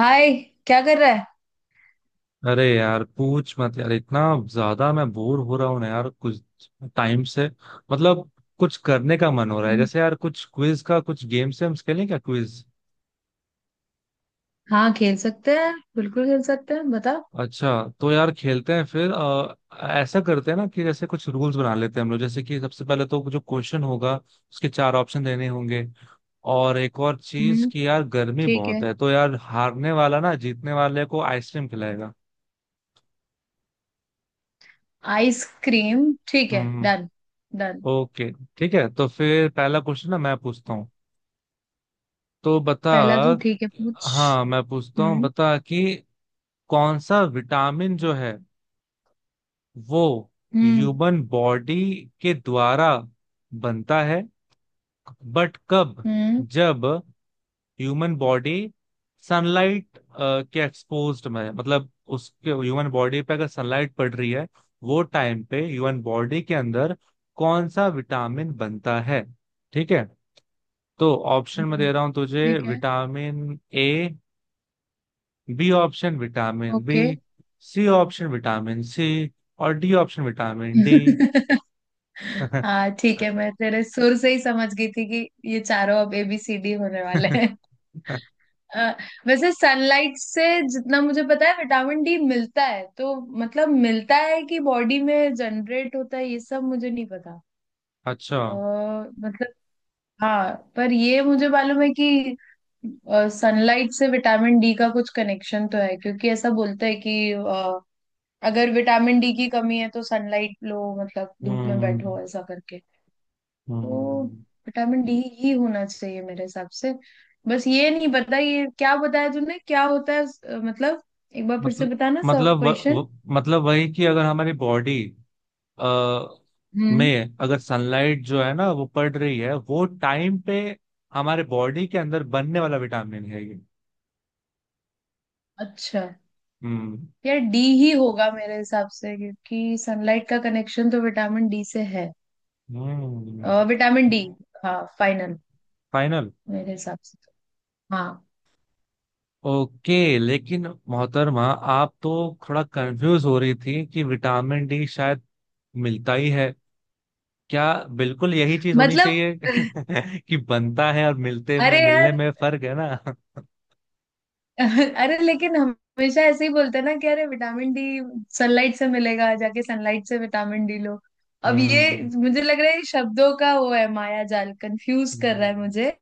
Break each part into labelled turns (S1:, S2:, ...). S1: हाय। क्या कर रहा है।
S2: अरे यार पूछ मत यार। इतना ज्यादा मैं बोर हो रहा हूँ ना यार कुछ टाइम से। मतलब कुछ करने का मन हो रहा है
S1: हम्म।
S2: जैसे यार, कुछ क्विज का कुछ गेम से हम खेलें क्या? क्विज
S1: हाँ, खेल सकते हैं, बिल्कुल खेल सकते हैं, बता।
S2: अच्छा, तो यार खेलते हैं फिर। ऐसा करते हैं ना कि जैसे कुछ रूल्स बना लेते हैं हम लोग। जैसे कि सबसे पहले तो जो क्वेश्चन होगा उसके चार ऑप्शन देने होंगे। और एक और चीज
S1: हम्म।
S2: कि यार गर्मी
S1: ठीक
S2: बहुत
S1: है।
S2: है, तो यार हारने वाला ना जीतने वाले को आइसक्रीम खिलाएगा।
S1: आइसक्रीम ठीक है।
S2: हम्म।
S1: डन। डन।
S2: ओके, ठीक है। तो फिर पहला क्वेश्चन ना मैं पूछता हूँ, तो बता।
S1: पहला तू, ठीक है, पूछ।
S2: हाँ मैं पूछता हूँ,
S1: हम्म।
S2: बता कि कौन सा विटामिन जो है वो
S1: हम्म।
S2: ह्यूमन बॉडी के द्वारा बनता है, बट कब?
S1: हम्म।
S2: जब ह्यूमन बॉडी सनलाइट के एक्सपोज्ड में है। मतलब उसके ह्यूमन बॉडी पे अगर सनलाइट पड़ रही है वो टाइम पे ह्यूमन बॉडी के अंदर कौन सा विटामिन बनता है? ठीक है, तो ऑप्शन में
S1: हम्म।
S2: दे रहा हूं तुझे।
S1: ठीक है।
S2: Vitamin A, B option vitamin B,
S1: okay.
S2: C option vitamin C, और डी ऑप्शन विटामिन डी।
S1: हाँ, ठीक है, मैं तेरे सुर से ही समझ गई थी कि ये चारों अब ABCD होने वाले। अ, वैसे सनलाइट से जितना मुझे पता है विटामिन डी मिलता है तो। मतलब, मिलता है कि बॉडी में जनरेट होता है, ये सब मुझे नहीं पता।
S2: अच्छा।
S1: मतलब, हाँ, पर ये मुझे मालूम है कि सनलाइट से विटामिन डी का कुछ कनेक्शन तो है, क्योंकि ऐसा बोलते हैं कि अगर विटामिन डी की कमी है तो सनलाइट लो, मतलब धूप में
S2: हम्म।
S1: बैठो ऐसा करके। तो
S2: हम्म।
S1: विटामिन डी ही होना चाहिए मेरे हिसाब से। बस ये नहीं पता, ये क्या बताया तुमने, क्या होता है, मतलब एक बार फिर से
S2: मतलब
S1: बताना सब
S2: मतलब व,
S1: क्वेश्चन।
S2: व, मतलब वही कि अगर हमारी बॉडी आ
S1: हम्म।
S2: में अगर सनलाइट जो है ना वो पड़ रही है वो टाइम पे हमारे बॉडी के अंदर बनने वाला विटामिन है ये।
S1: अच्छा।
S2: हम्म।
S1: यार, डी ही होगा मेरे हिसाब से, क्योंकि सनलाइट का कनेक्शन तो विटामिन डी से है।
S2: हम्म।
S1: Vitamin D. हाँ, फाइनल।
S2: फाइनल।
S1: मेरे हिसाब से तो, हाँ।
S2: ओके, लेकिन मोहतरमा आप तो थोड़ा कंफ्यूज हो रही थी कि विटामिन डी शायद मिलता ही है क्या? बिल्कुल यही चीज होनी
S1: मतलब।
S2: चाहिए। कि बनता है, और मिलते में
S1: अरे यार।
S2: मिलने में फर्क है ना।
S1: अरे, लेकिन हमेशा ऐसे ही बोलते हैं ना कि अरे, विटामिन डी सनलाइट से मिलेगा, जाके सनलाइट से विटामिन डी लो। अब ये
S2: हम्म।
S1: मुझे लग रहा है, ये शब्दों का वो है, माया जाल, कंफ्यूज कर रहा
S2: हम्म।
S1: है मुझे।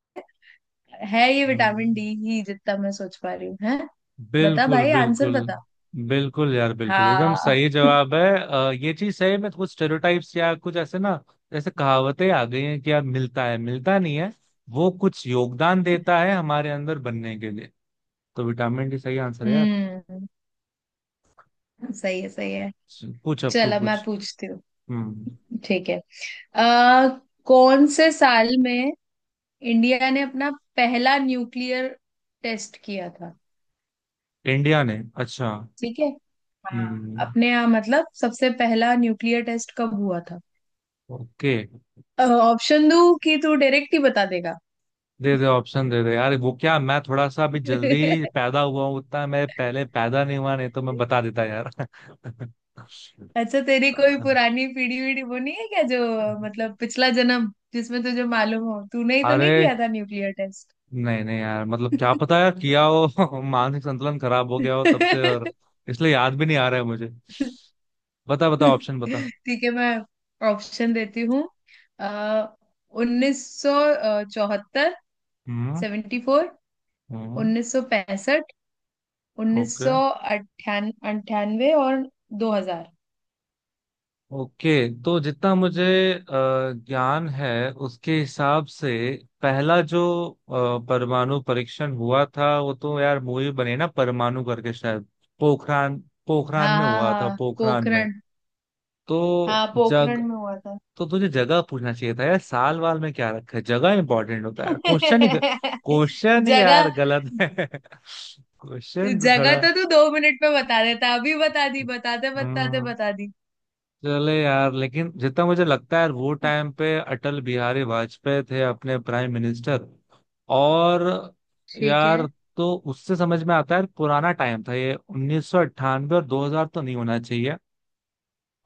S1: है, ये विटामिन डी
S2: हम्म।
S1: ही जितना मैं सोच पा रही हूँ, है। बता
S2: बिल्कुल
S1: भाई, आंसर
S2: बिल्कुल
S1: बता।
S2: बिल्कुल यार, बिल्कुल एकदम
S1: हाँ।
S2: सही जवाब है। ये चीज सही में कुछ स्टेरियोटाइप्स या कुछ ऐसे ना जैसे कहावतें आ गई हैं कि यार मिलता है, मिलता नहीं है। वो कुछ योगदान देता है हमारे अंदर बनने के लिए। तो विटामिन डी सही आंसर है यार।
S1: हम्म। सही है, सही है।
S2: पूछ, अब तू
S1: चलो, मैं
S2: पूछ।
S1: पूछती हूँ।
S2: हम्म।
S1: ठीक है। आ, कौन से साल में इंडिया ने अपना पहला न्यूक्लियर टेस्ट किया था।
S2: इंडिया ने, अच्छा।
S1: ठीक है। हाँ।
S2: हम्म।
S1: अपने यहाँ, मतलब सबसे पहला न्यूक्लियर टेस्ट कब हुआ था।
S2: ओके।
S1: ऑप्शन दूं कि तू डायरेक्ट ही बता देगा।
S2: दे दे, ऑप्शन दे दे यार। वो क्या, मैं थोड़ा सा अभी जल्दी पैदा हुआ हूँ, उतना मैं पहले पैदा नहीं हुआ, नहीं तो मैं बता देता यार।
S1: अच्छा, तेरी कोई पुरानी पीढ़ी वीढ़ी वो नहीं है क्या, जो मतलब पिछला जन्म जिसमें तुझे मालूम हो, तूने ही तो नहीं
S2: अरे
S1: किया था न्यूक्लियर टेस्ट।
S2: नहीं नहीं यार, मतलब क्या पता यार किया हो। मानसिक संतुलन खराब हो गया हो तब से, और इसलिए याद भी नहीं आ रहा है मुझे। बता बता ऑप्शन बता।
S1: ठीक है, मैं ऑप्शन देती हूँ। 1974,
S2: हम्म।
S1: 74,
S2: हम्म।
S1: 1965, उन्नीस
S2: ओके।
S1: सौ अंठानवे और 2000।
S2: ओके। तो जितना मुझे अ, ज्ञान है उसके हिसाब से पहला जो परमाणु परीक्षण हुआ था, वो तो यार मूवी बने ना परमाणु करके शायद। पोखरान, पोखरान
S1: हाँ,
S2: में
S1: हाँ,
S2: हुआ था,
S1: हाँ,
S2: पोखरान में।
S1: पोखरण।
S2: तो
S1: हाँ,
S2: जग,
S1: पोखरण में हुआ था।
S2: तो तुझे जगह पूछना चाहिए था यार, साल वाल में क्या रखा है? जगह इंपॉर्टेंट होता है यार, क्वेश्चन ही क्वेश्चन यार
S1: जगह।
S2: गलत है। क्वेश्चन तो
S1: जगह
S2: थोड़ा।
S1: तो तू 2 मिनट में बता देता, अभी बता दी बताते बताते,
S2: हम्म।
S1: बता दी।
S2: चले यार, लेकिन जितना मुझे लगता है यार वो टाइम पे अटल बिहारी वाजपेयी थे अपने प्राइम मिनिस्टर। और
S1: ठीक है।
S2: यार, तो उससे समझ में आता है यार पुराना टाइम था ये, 1998 और 2000 तो नहीं होना चाहिए।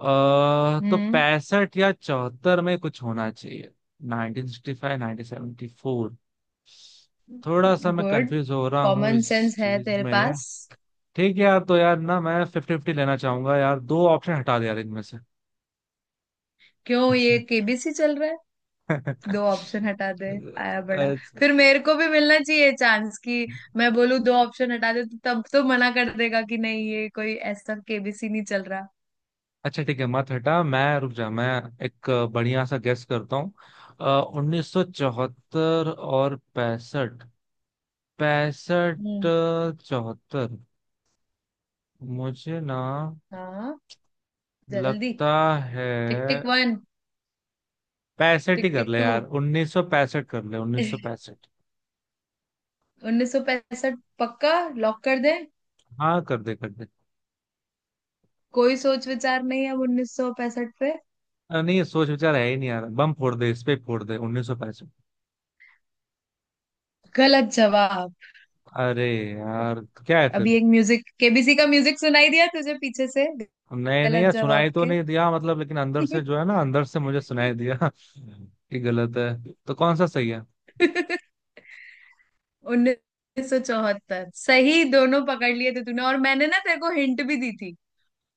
S2: तो
S1: हम्म।
S2: पैंसठ या चौहत्तर में कुछ होना चाहिए। 1965, 1974, थोड़ा सा मैं
S1: गुड।
S2: कंफ्यूज हो रहा हूँ
S1: कॉमन
S2: इस
S1: सेंस है
S2: चीज
S1: तेरे
S2: में।
S1: पास।
S2: ठीक है यार, तो यार ना मैं फिफ्टी फिफ्टी लेना चाहूंगा यार, दो ऑप्शन हटा दे यार इनमें
S1: क्यों, ये
S2: से।
S1: केबीसी चल रहा, दो ऑप्शन हटा दे? आया बड़ा।
S2: अच्छा।
S1: फिर मेरे को भी मिलना चाहिए चांस, कि मैं बोलूं दो ऑप्शन हटा दे, तो तब तो मना कर देगा कि नहीं, ये कोई ऐसा केबीसी नहीं चल रहा।
S2: अच्छा, ठीक है मत हटा, मैं रुक जा, मैं एक बढ़िया सा गेस करता हूँ। 1974 और पैंसठ। पैंसठ,
S1: हम्म।
S2: चौहत्तर, मुझे ना
S1: हाँ, जल्दी।
S2: लगता है
S1: टिक टिक वन।
S2: पैंसठ ही
S1: टिक
S2: कर
S1: टिक
S2: ले
S1: टू।
S2: यार, उन्नीस सौ पैंसठ कर ले उन्नीस सौ पैंसठ
S1: 1965 पक्का, लॉक कर दे।
S2: हाँ कर दे कर दे।
S1: कोई सोच विचार नहीं है अब 1965 पे।
S2: नहीं सोच विचार है ही नहीं यार, बम फोड़ दे इस पे, फोड़ दे 1965।
S1: गलत जवाब।
S2: अरे यार क्या है
S1: अभी
S2: फिर।
S1: एक म्यूजिक, केबीसी का म्यूजिक सुनाई दिया तुझे पीछे से?
S2: नहीं नहीं
S1: गलत
S2: यार सुनाई
S1: जवाब
S2: तो
S1: के।
S2: नहीं दिया, मतलब लेकिन अंदर से जो है ना अंदर से मुझे सुनाई दिया कि गलत है, तो कौन सा सही है?
S1: 1974 सही। दोनों पकड़ लिए थे तूने, और मैंने ना तेरे को हिंट भी दी थी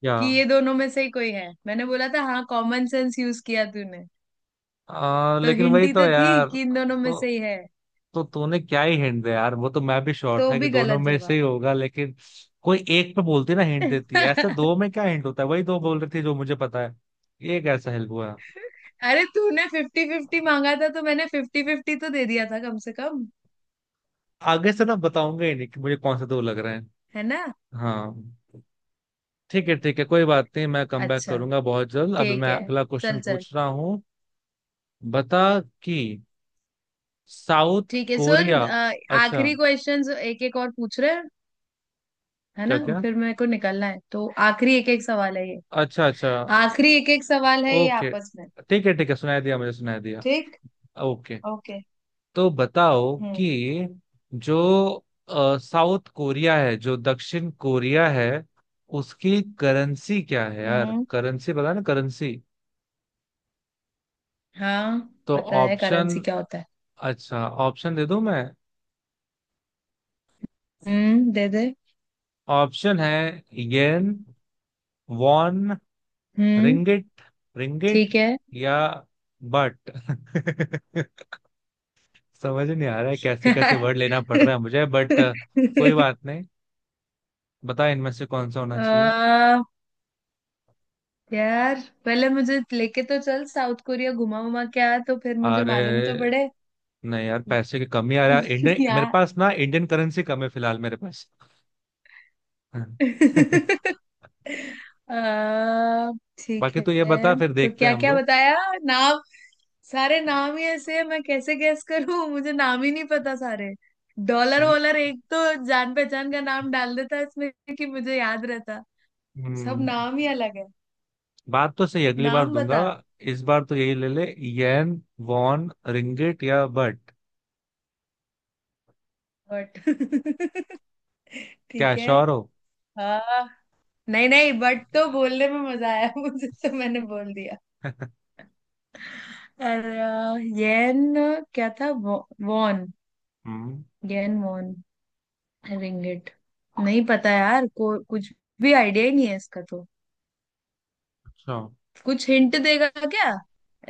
S2: क्या?
S1: कि ये दोनों में से ही कोई है, मैंने बोला था। हाँ, कॉमन सेंस यूज किया तूने। तो
S2: लेकिन
S1: हिंट
S2: वही
S1: ही
S2: तो
S1: तो थी
S2: यार।
S1: कि इन दोनों में से ही है,
S2: तो तूने क्या ही हिंट दे यार, वो तो मैं भी श्योर
S1: तो
S2: था कि
S1: भी
S2: दोनों
S1: गलत
S2: में से
S1: जवाब।
S2: ही होगा, लेकिन कोई एक पे बोलती ना हिंट देती है, ऐसे दो में क्या हिंट होता है? वही दो बोल रही थी जो मुझे पता है। ये कैसा हेल्प हुआ?
S1: अरे, तूने फिफ्टी फिफ्टी मांगा था, तो मैंने फिफ्टी फिफ्टी तो दे दिया था कम से कम।
S2: आगे से ना बताऊंगा ही नहीं कि मुझे कौन से दो लग रहे हैं।
S1: है ना।
S2: हाँ, ठीक है ठीक है, कोई बात नहीं, मैं कम बैक
S1: अच्छा,
S2: करूंगा बहुत जल्द। अभी
S1: ठीक
S2: मैं
S1: है।
S2: अगला
S1: चल
S2: क्वेश्चन
S1: चल।
S2: पूछ रहा हूँ। बता कि साउथ
S1: ठीक है, सुन,
S2: कोरिया, अच्छा।
S1: आखिरी क्वेश्चंस एक एक और पूछ रहे है
S2: क्या
S1: ना,
S2: क्या?
S1: फिर मेरे को निकलना है, तो आखिरी एक एक सवाल है ये।
S2: अच्छा अच्छा।
S1: आखिरी एक एक सवाल है ये
S2: ओके।
S1: आपस में।
S2: ठीक है ठीक है, सुनाई दिया मुझे, सुनाई दिया।
S1: ठीक।
S2: ओके।
S1: ओके।
S2: तो बताओ
S1: हम्म।
S2: कि जो साउथ कोरिया है, जो दक्षिण कोरिया है, उसकी करेंसी क्या है? यार
S1: हम्म।
S2: करेंसी पता है ना, करेंसी।
S1: हाँ।
S2: तो
S1: पता है
S2: ऑप्शन,
S1: करेंसी क्या होता है।
S2: अच्छा ऑप्शन दे दूं मैं।
S1: हम्म, दे दे।
S2: ऑप्शन है येन, वॉन,
S1: हम्म।
S2: रिंगिट, रिंगिट
S1: ठीक है।
S2: या बट। समझ नहीं आ रहा है कैसे कैसे वर्ड लेना पड़ रहा है मुझे, बट कोई बात नहीं। बता इनमें से कौन सा होना चाहिए।
S1: आ, यार, पहले मुझे लेके तो चल, साउथ कोरिया घुमा उमा क्या, तो फिर मुझे
S2: अरे
S1: मालूम तो पड़े।
S2: नहीं यार, पैसे की कमी आ रहा है, इंडियन मेरे
S1: यार।
S2: पास ना, इंडियन करेंसी कम है फिलहाल मेरे पास।
S1: अ, ठीक
S2: बाकी तो ये
S1: है,
S2: बता, फिर
S1: तो
S2: देखते हैं
S1: क्या
S2: हम
S1: क्या
S2: लोग।
S1: बताया नाम। सारे नाम ही ऐसे हैं, मैं कैसे गैस करूं। मुझे नाम ही नहीं पता सारे। डॉलर
S2: ये,
S1: वॉलर एक तो जान पहचान का नाम डाल देता है इसमें, कि मुझे याद रहता। सब
S2: हम्म,
S1: नाम ही अलग है।
S2: बात तो सही, अगली बार
S1: नाम
S2: दूंगा।
S1: बता।
S2: इस बार तो यही ले ले। येन, वॉन, रिंगिट या बट,
S1: बट।
S2: क्या
S1: ठीक है।
S2: श्योर हो?
S1: हाँ, नहीं नहीं, बट तो बोलने में मजा आया, मुझे तो मैंने बोल दिया। और येन क्या था, वॉन,
S2: हम्म,
S1: गेन वॉन, रिंगेट, नहीं पता यार, को कुछ भी आइडिया ही नहीं है इसका तो।
S2: अच्छा।
S1: कुछ हिंट देगा क्या?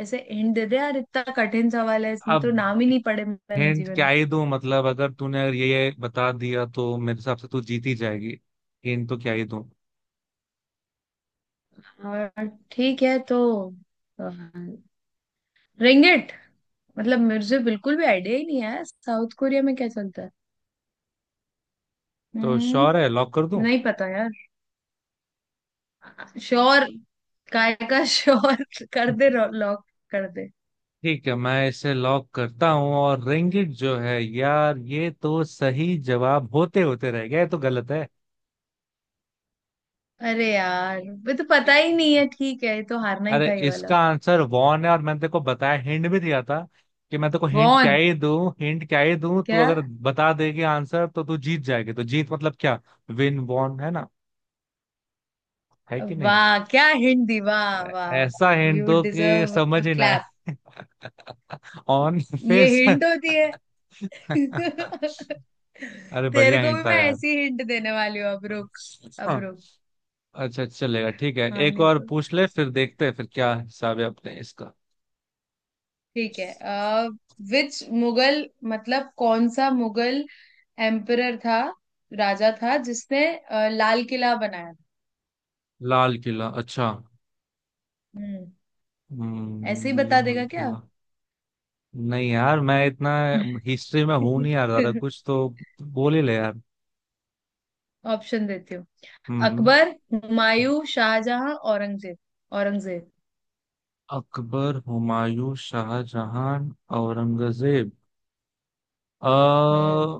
S1: ऐसे हिंट दे दे यार, इतना कठिन सवाल है, इसमें तो
S2: अब
S1: नाम ही नहीं पढ़े मैंने
S2: हिंट
S1: जीवन
S2: क्या
S1: में।
S2: ही दूं, मतलब अगर तूने अगर ये बता दिया तो मेरे हिसाब से तू जीत ही जाएगी, हिंट तो क्या ही दूं?
S1: और ठीक है, तो अ, रिंगिट, मतलब मुझे बिल्कुल भी आइडिया ही नहीं है साउथ कोरिया में क्या चलता है।
S2: तो
S1: हम्म।
S2: श्योर है, लॉक कर दूं?
S1: नहीं पता यार। श्योर? काय का श्योर, कर दे लॉक, कर दे।
S2: ठीक है, मैं इसे लॉक करता हूं। और रिंगिट जो है यार, ये तो सही जवाब होते होते रह गया, ये तो गलत है।
S1: अरे यार, ये तो पता ही नहीं है, ठीक है, ये तो हारना ही
S2: अरे
S1: था ये वाला।
S2: इसका आंसर वॉन है, और मैंने तेरे को बताया, हिंट भी दिया था कि मैं तेरे को हिंट क्या
S1: वॉन?
S2: ही दूं, हिंट क्या ही दूं, तू
S1: क्या?
S2: अगर बता देगी आंसर तो तू जीत जाएगी, तो जीत मतलब क्या? विन वॉन है ना, है कि नहीं?
S1: वाह, क्या हिंट दी, वाह वाह वाह,
S2: ऐसा हिंट
S1: यू
S2: दो कि
S1: डिजर्व
S2: समझ
S1: अ
S2: ही ना आए।
S1: क्लैप।
S2: ऑन
S1: ये
S2: फेस।
S1: हिंट होती है?
S2: अरे
S1: तेरे
S2: बढ़िया
S1: को भी
S2: हिंट था
S1: मैं
S2: यार।
S1: ऐसी हिंट देने वाली हूँ, अब रुक। अब
S2: हाँ,
S1: रुक।
S2: अच्छा अच्छा चलेगा, ठीक है
S1: हाँ,
S2: एक
S1: नहीं
S2: और
S1: तो
S2: पूछ ले, फिर देखते हैं फिर क्या हिसाब है अपने इसका।
S1: ठीक है। विच मुगल, मतलब कौन सा मुगल एम्परर था, राजा था जिसने लाल किला बनाया था।
S2: लाल किला, अच्छा।
S1: हम्म। ऐसे ही बता
S2: लाल
S1: देगा क्या?
S2: किला। नहीं यार, मैं इतना हिस्ट्री में हूं नहीं यार, ज्यादा कुछ तो बोल ही ले यार।
S1: ऑप्शन देती हूँ।
S2: हम्म।
S1: अकबर, हुमायूं, शाहजहां, औरंगजेब, औरंगजेब।
S2: अकबर, हुमायूं, शाहजहां, औरंगजेब।
S1: हम्म।
S2: अ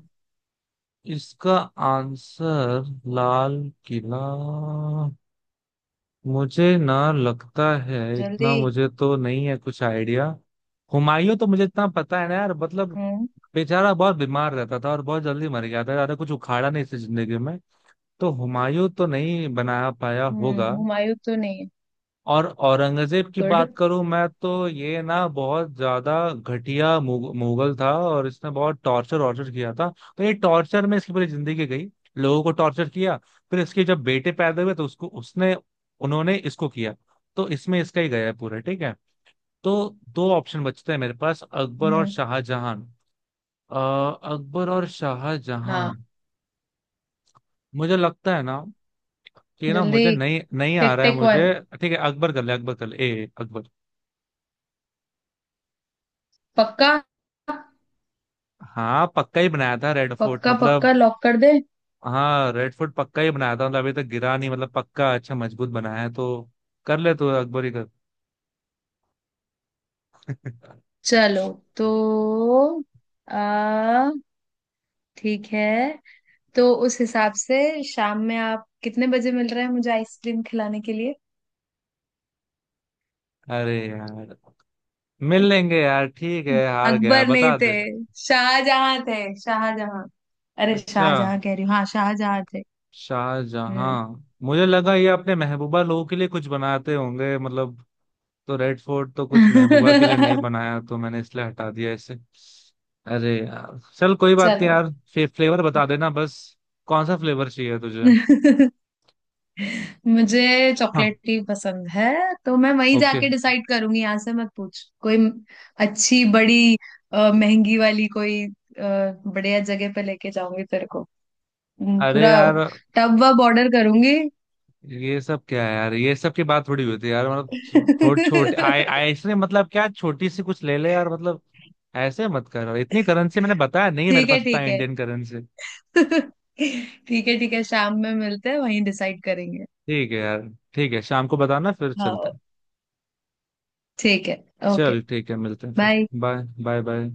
S2: इसका आंसर लाल किला, मुझे ना लगता है
S1: जल्दी।
S2: इतना, मुझे तो नहीं है कुछ आइडिया। हुमायूं तो मुझे इतना पता है ना यार, मतलब
S1: हम्म।
S2: बेचारा बहुत बीमार रहता था और बहुत जल्दी मर गया था, ज्यादा कुछ उखाड़ा नहीं इसकी जिंदगी में। तो हुमायूं तो नहीं बना पाया होगा।
S1: हुमायूं तो नहीं है।
S2: और औरंगजेब की
S1: गुड।
S2: बात करूं मैं, तो ये ना बहुत ज्यादा घटिया मुगल था, और इसने बहुत टॉर्चर वॉर्चर किया था। तो ये टॉर्चर में इसकी पूरी जिंदगी गई, लोगों को टॉर्चर किया। फिर इसके जब बेटे पैदा हुए तो उसको उसने, उन्होंने इसको किया, तो इसमें इसका ही गया है पूरा। ठीक है, तो दो ऑप्शन बचते हैं मेरे पास, अकबर और
S1: हम्म।
S2: शाहजहां। अ, अकबर और शाहजहां,
S1: हाँ,
S2: मुझे लगता है ना कि ना,
S1: जल्दी।
S2: मुझे नहीं नहीं आ
S1: टिक
S2: रहा है
S1: टिक
S2: मुझे।
S1: वन।
S2: ठीक है अकबर कर ले, अकबर कर ले, ए अकबर।
S1: पक्का?
S2: हाँ पक्का ही बनाया था रेड फोर्ट,
S1: पक्का।
S2: मतलब
S1: पक्का, लॉक कर दे।
S2: हाँ रेड फोर्ट पक्का ही बनाया था, मतलब अभी तक गिरा नहीं, मतलब पक्का अच्छा मजबूत बनाया है, तो कर ले, तो अकबर ही कर।
S1: चलो, तो। आ ठीक है, तो उस हिसाब से शाम में आप कितने बजे मिल रहे हैं मुझे आइसक्रीम खिलाने के लिए?
S2: अरे यार मिल लेंगे यार, ठीक है, हार गया
S1: अकबर नहीं
S2: बता
S1: थे,
S2: दे।
S1: शाहजहां थे, शाहजहां। अरे,
S2: अच्छा,
S1: शाहजहां कह रही हूँ, हाँ, शाहजहां थे। हम्म।
S2: शाहजहां, मुझे लगा ये अपने महबूबा लोगों के लिए कुछ बनाते होंगे मतलब, तो रेड फोर्ट तो कुछ महबूबा के लिए नहीं बनाया, तो मैंने इसलिए हटा दिया इसे। अरे यार चल, कोई बात नहीं
S1: चलो।
S2: यार। फ्लेवर बता देना बस, कौन सा फ्लेवर चाहिए तुझे?
S1: मुझे
S2: हाँ।
S1: चॉकलेट ही पसंद है। तो मैं वहीं
S2: ओके।
S1: जाके डिसाइड करूंगी, यहाँ से मत पूछ कोई। अच्छी, बड़ी, महंगी वाली, कोई बढ़िया जगह पे लेके जाऊंगी तेरे को। हम्म।
S2: अरे
S1: पूरा
S2: यार
S1: टब वब ऑर्डर करूंगी।
S2: ये सब क्या है यार, ये सब की बात थोड़ी हुई थी यार, मतलब थोड़ी छोटी आए आए- इसने, मतलब क्या, छोटी सी कुछ ले ले यार, मतलब ऐसे मत कर यार, इतनी करेंसी मैंने बताया नहीं है, मेरे
S1: ठीक है,
S2: पास इतना
S1: ठीक है,
S2: इंडियन करेंसी।
S1: ठीक है, ठीक है, शाम में मिलते हैं, वहीं डिसाइड करेंगे।
S2: ठीक है यार, ठीक है शाम को बताना फिर चलते
S1: हाँ,
S2: हैं।
S1: ठीक है, ओके।
S2: चल ठीक है, मिलते हैं फिर,
S1: बाय।
S2: Bye bye bye.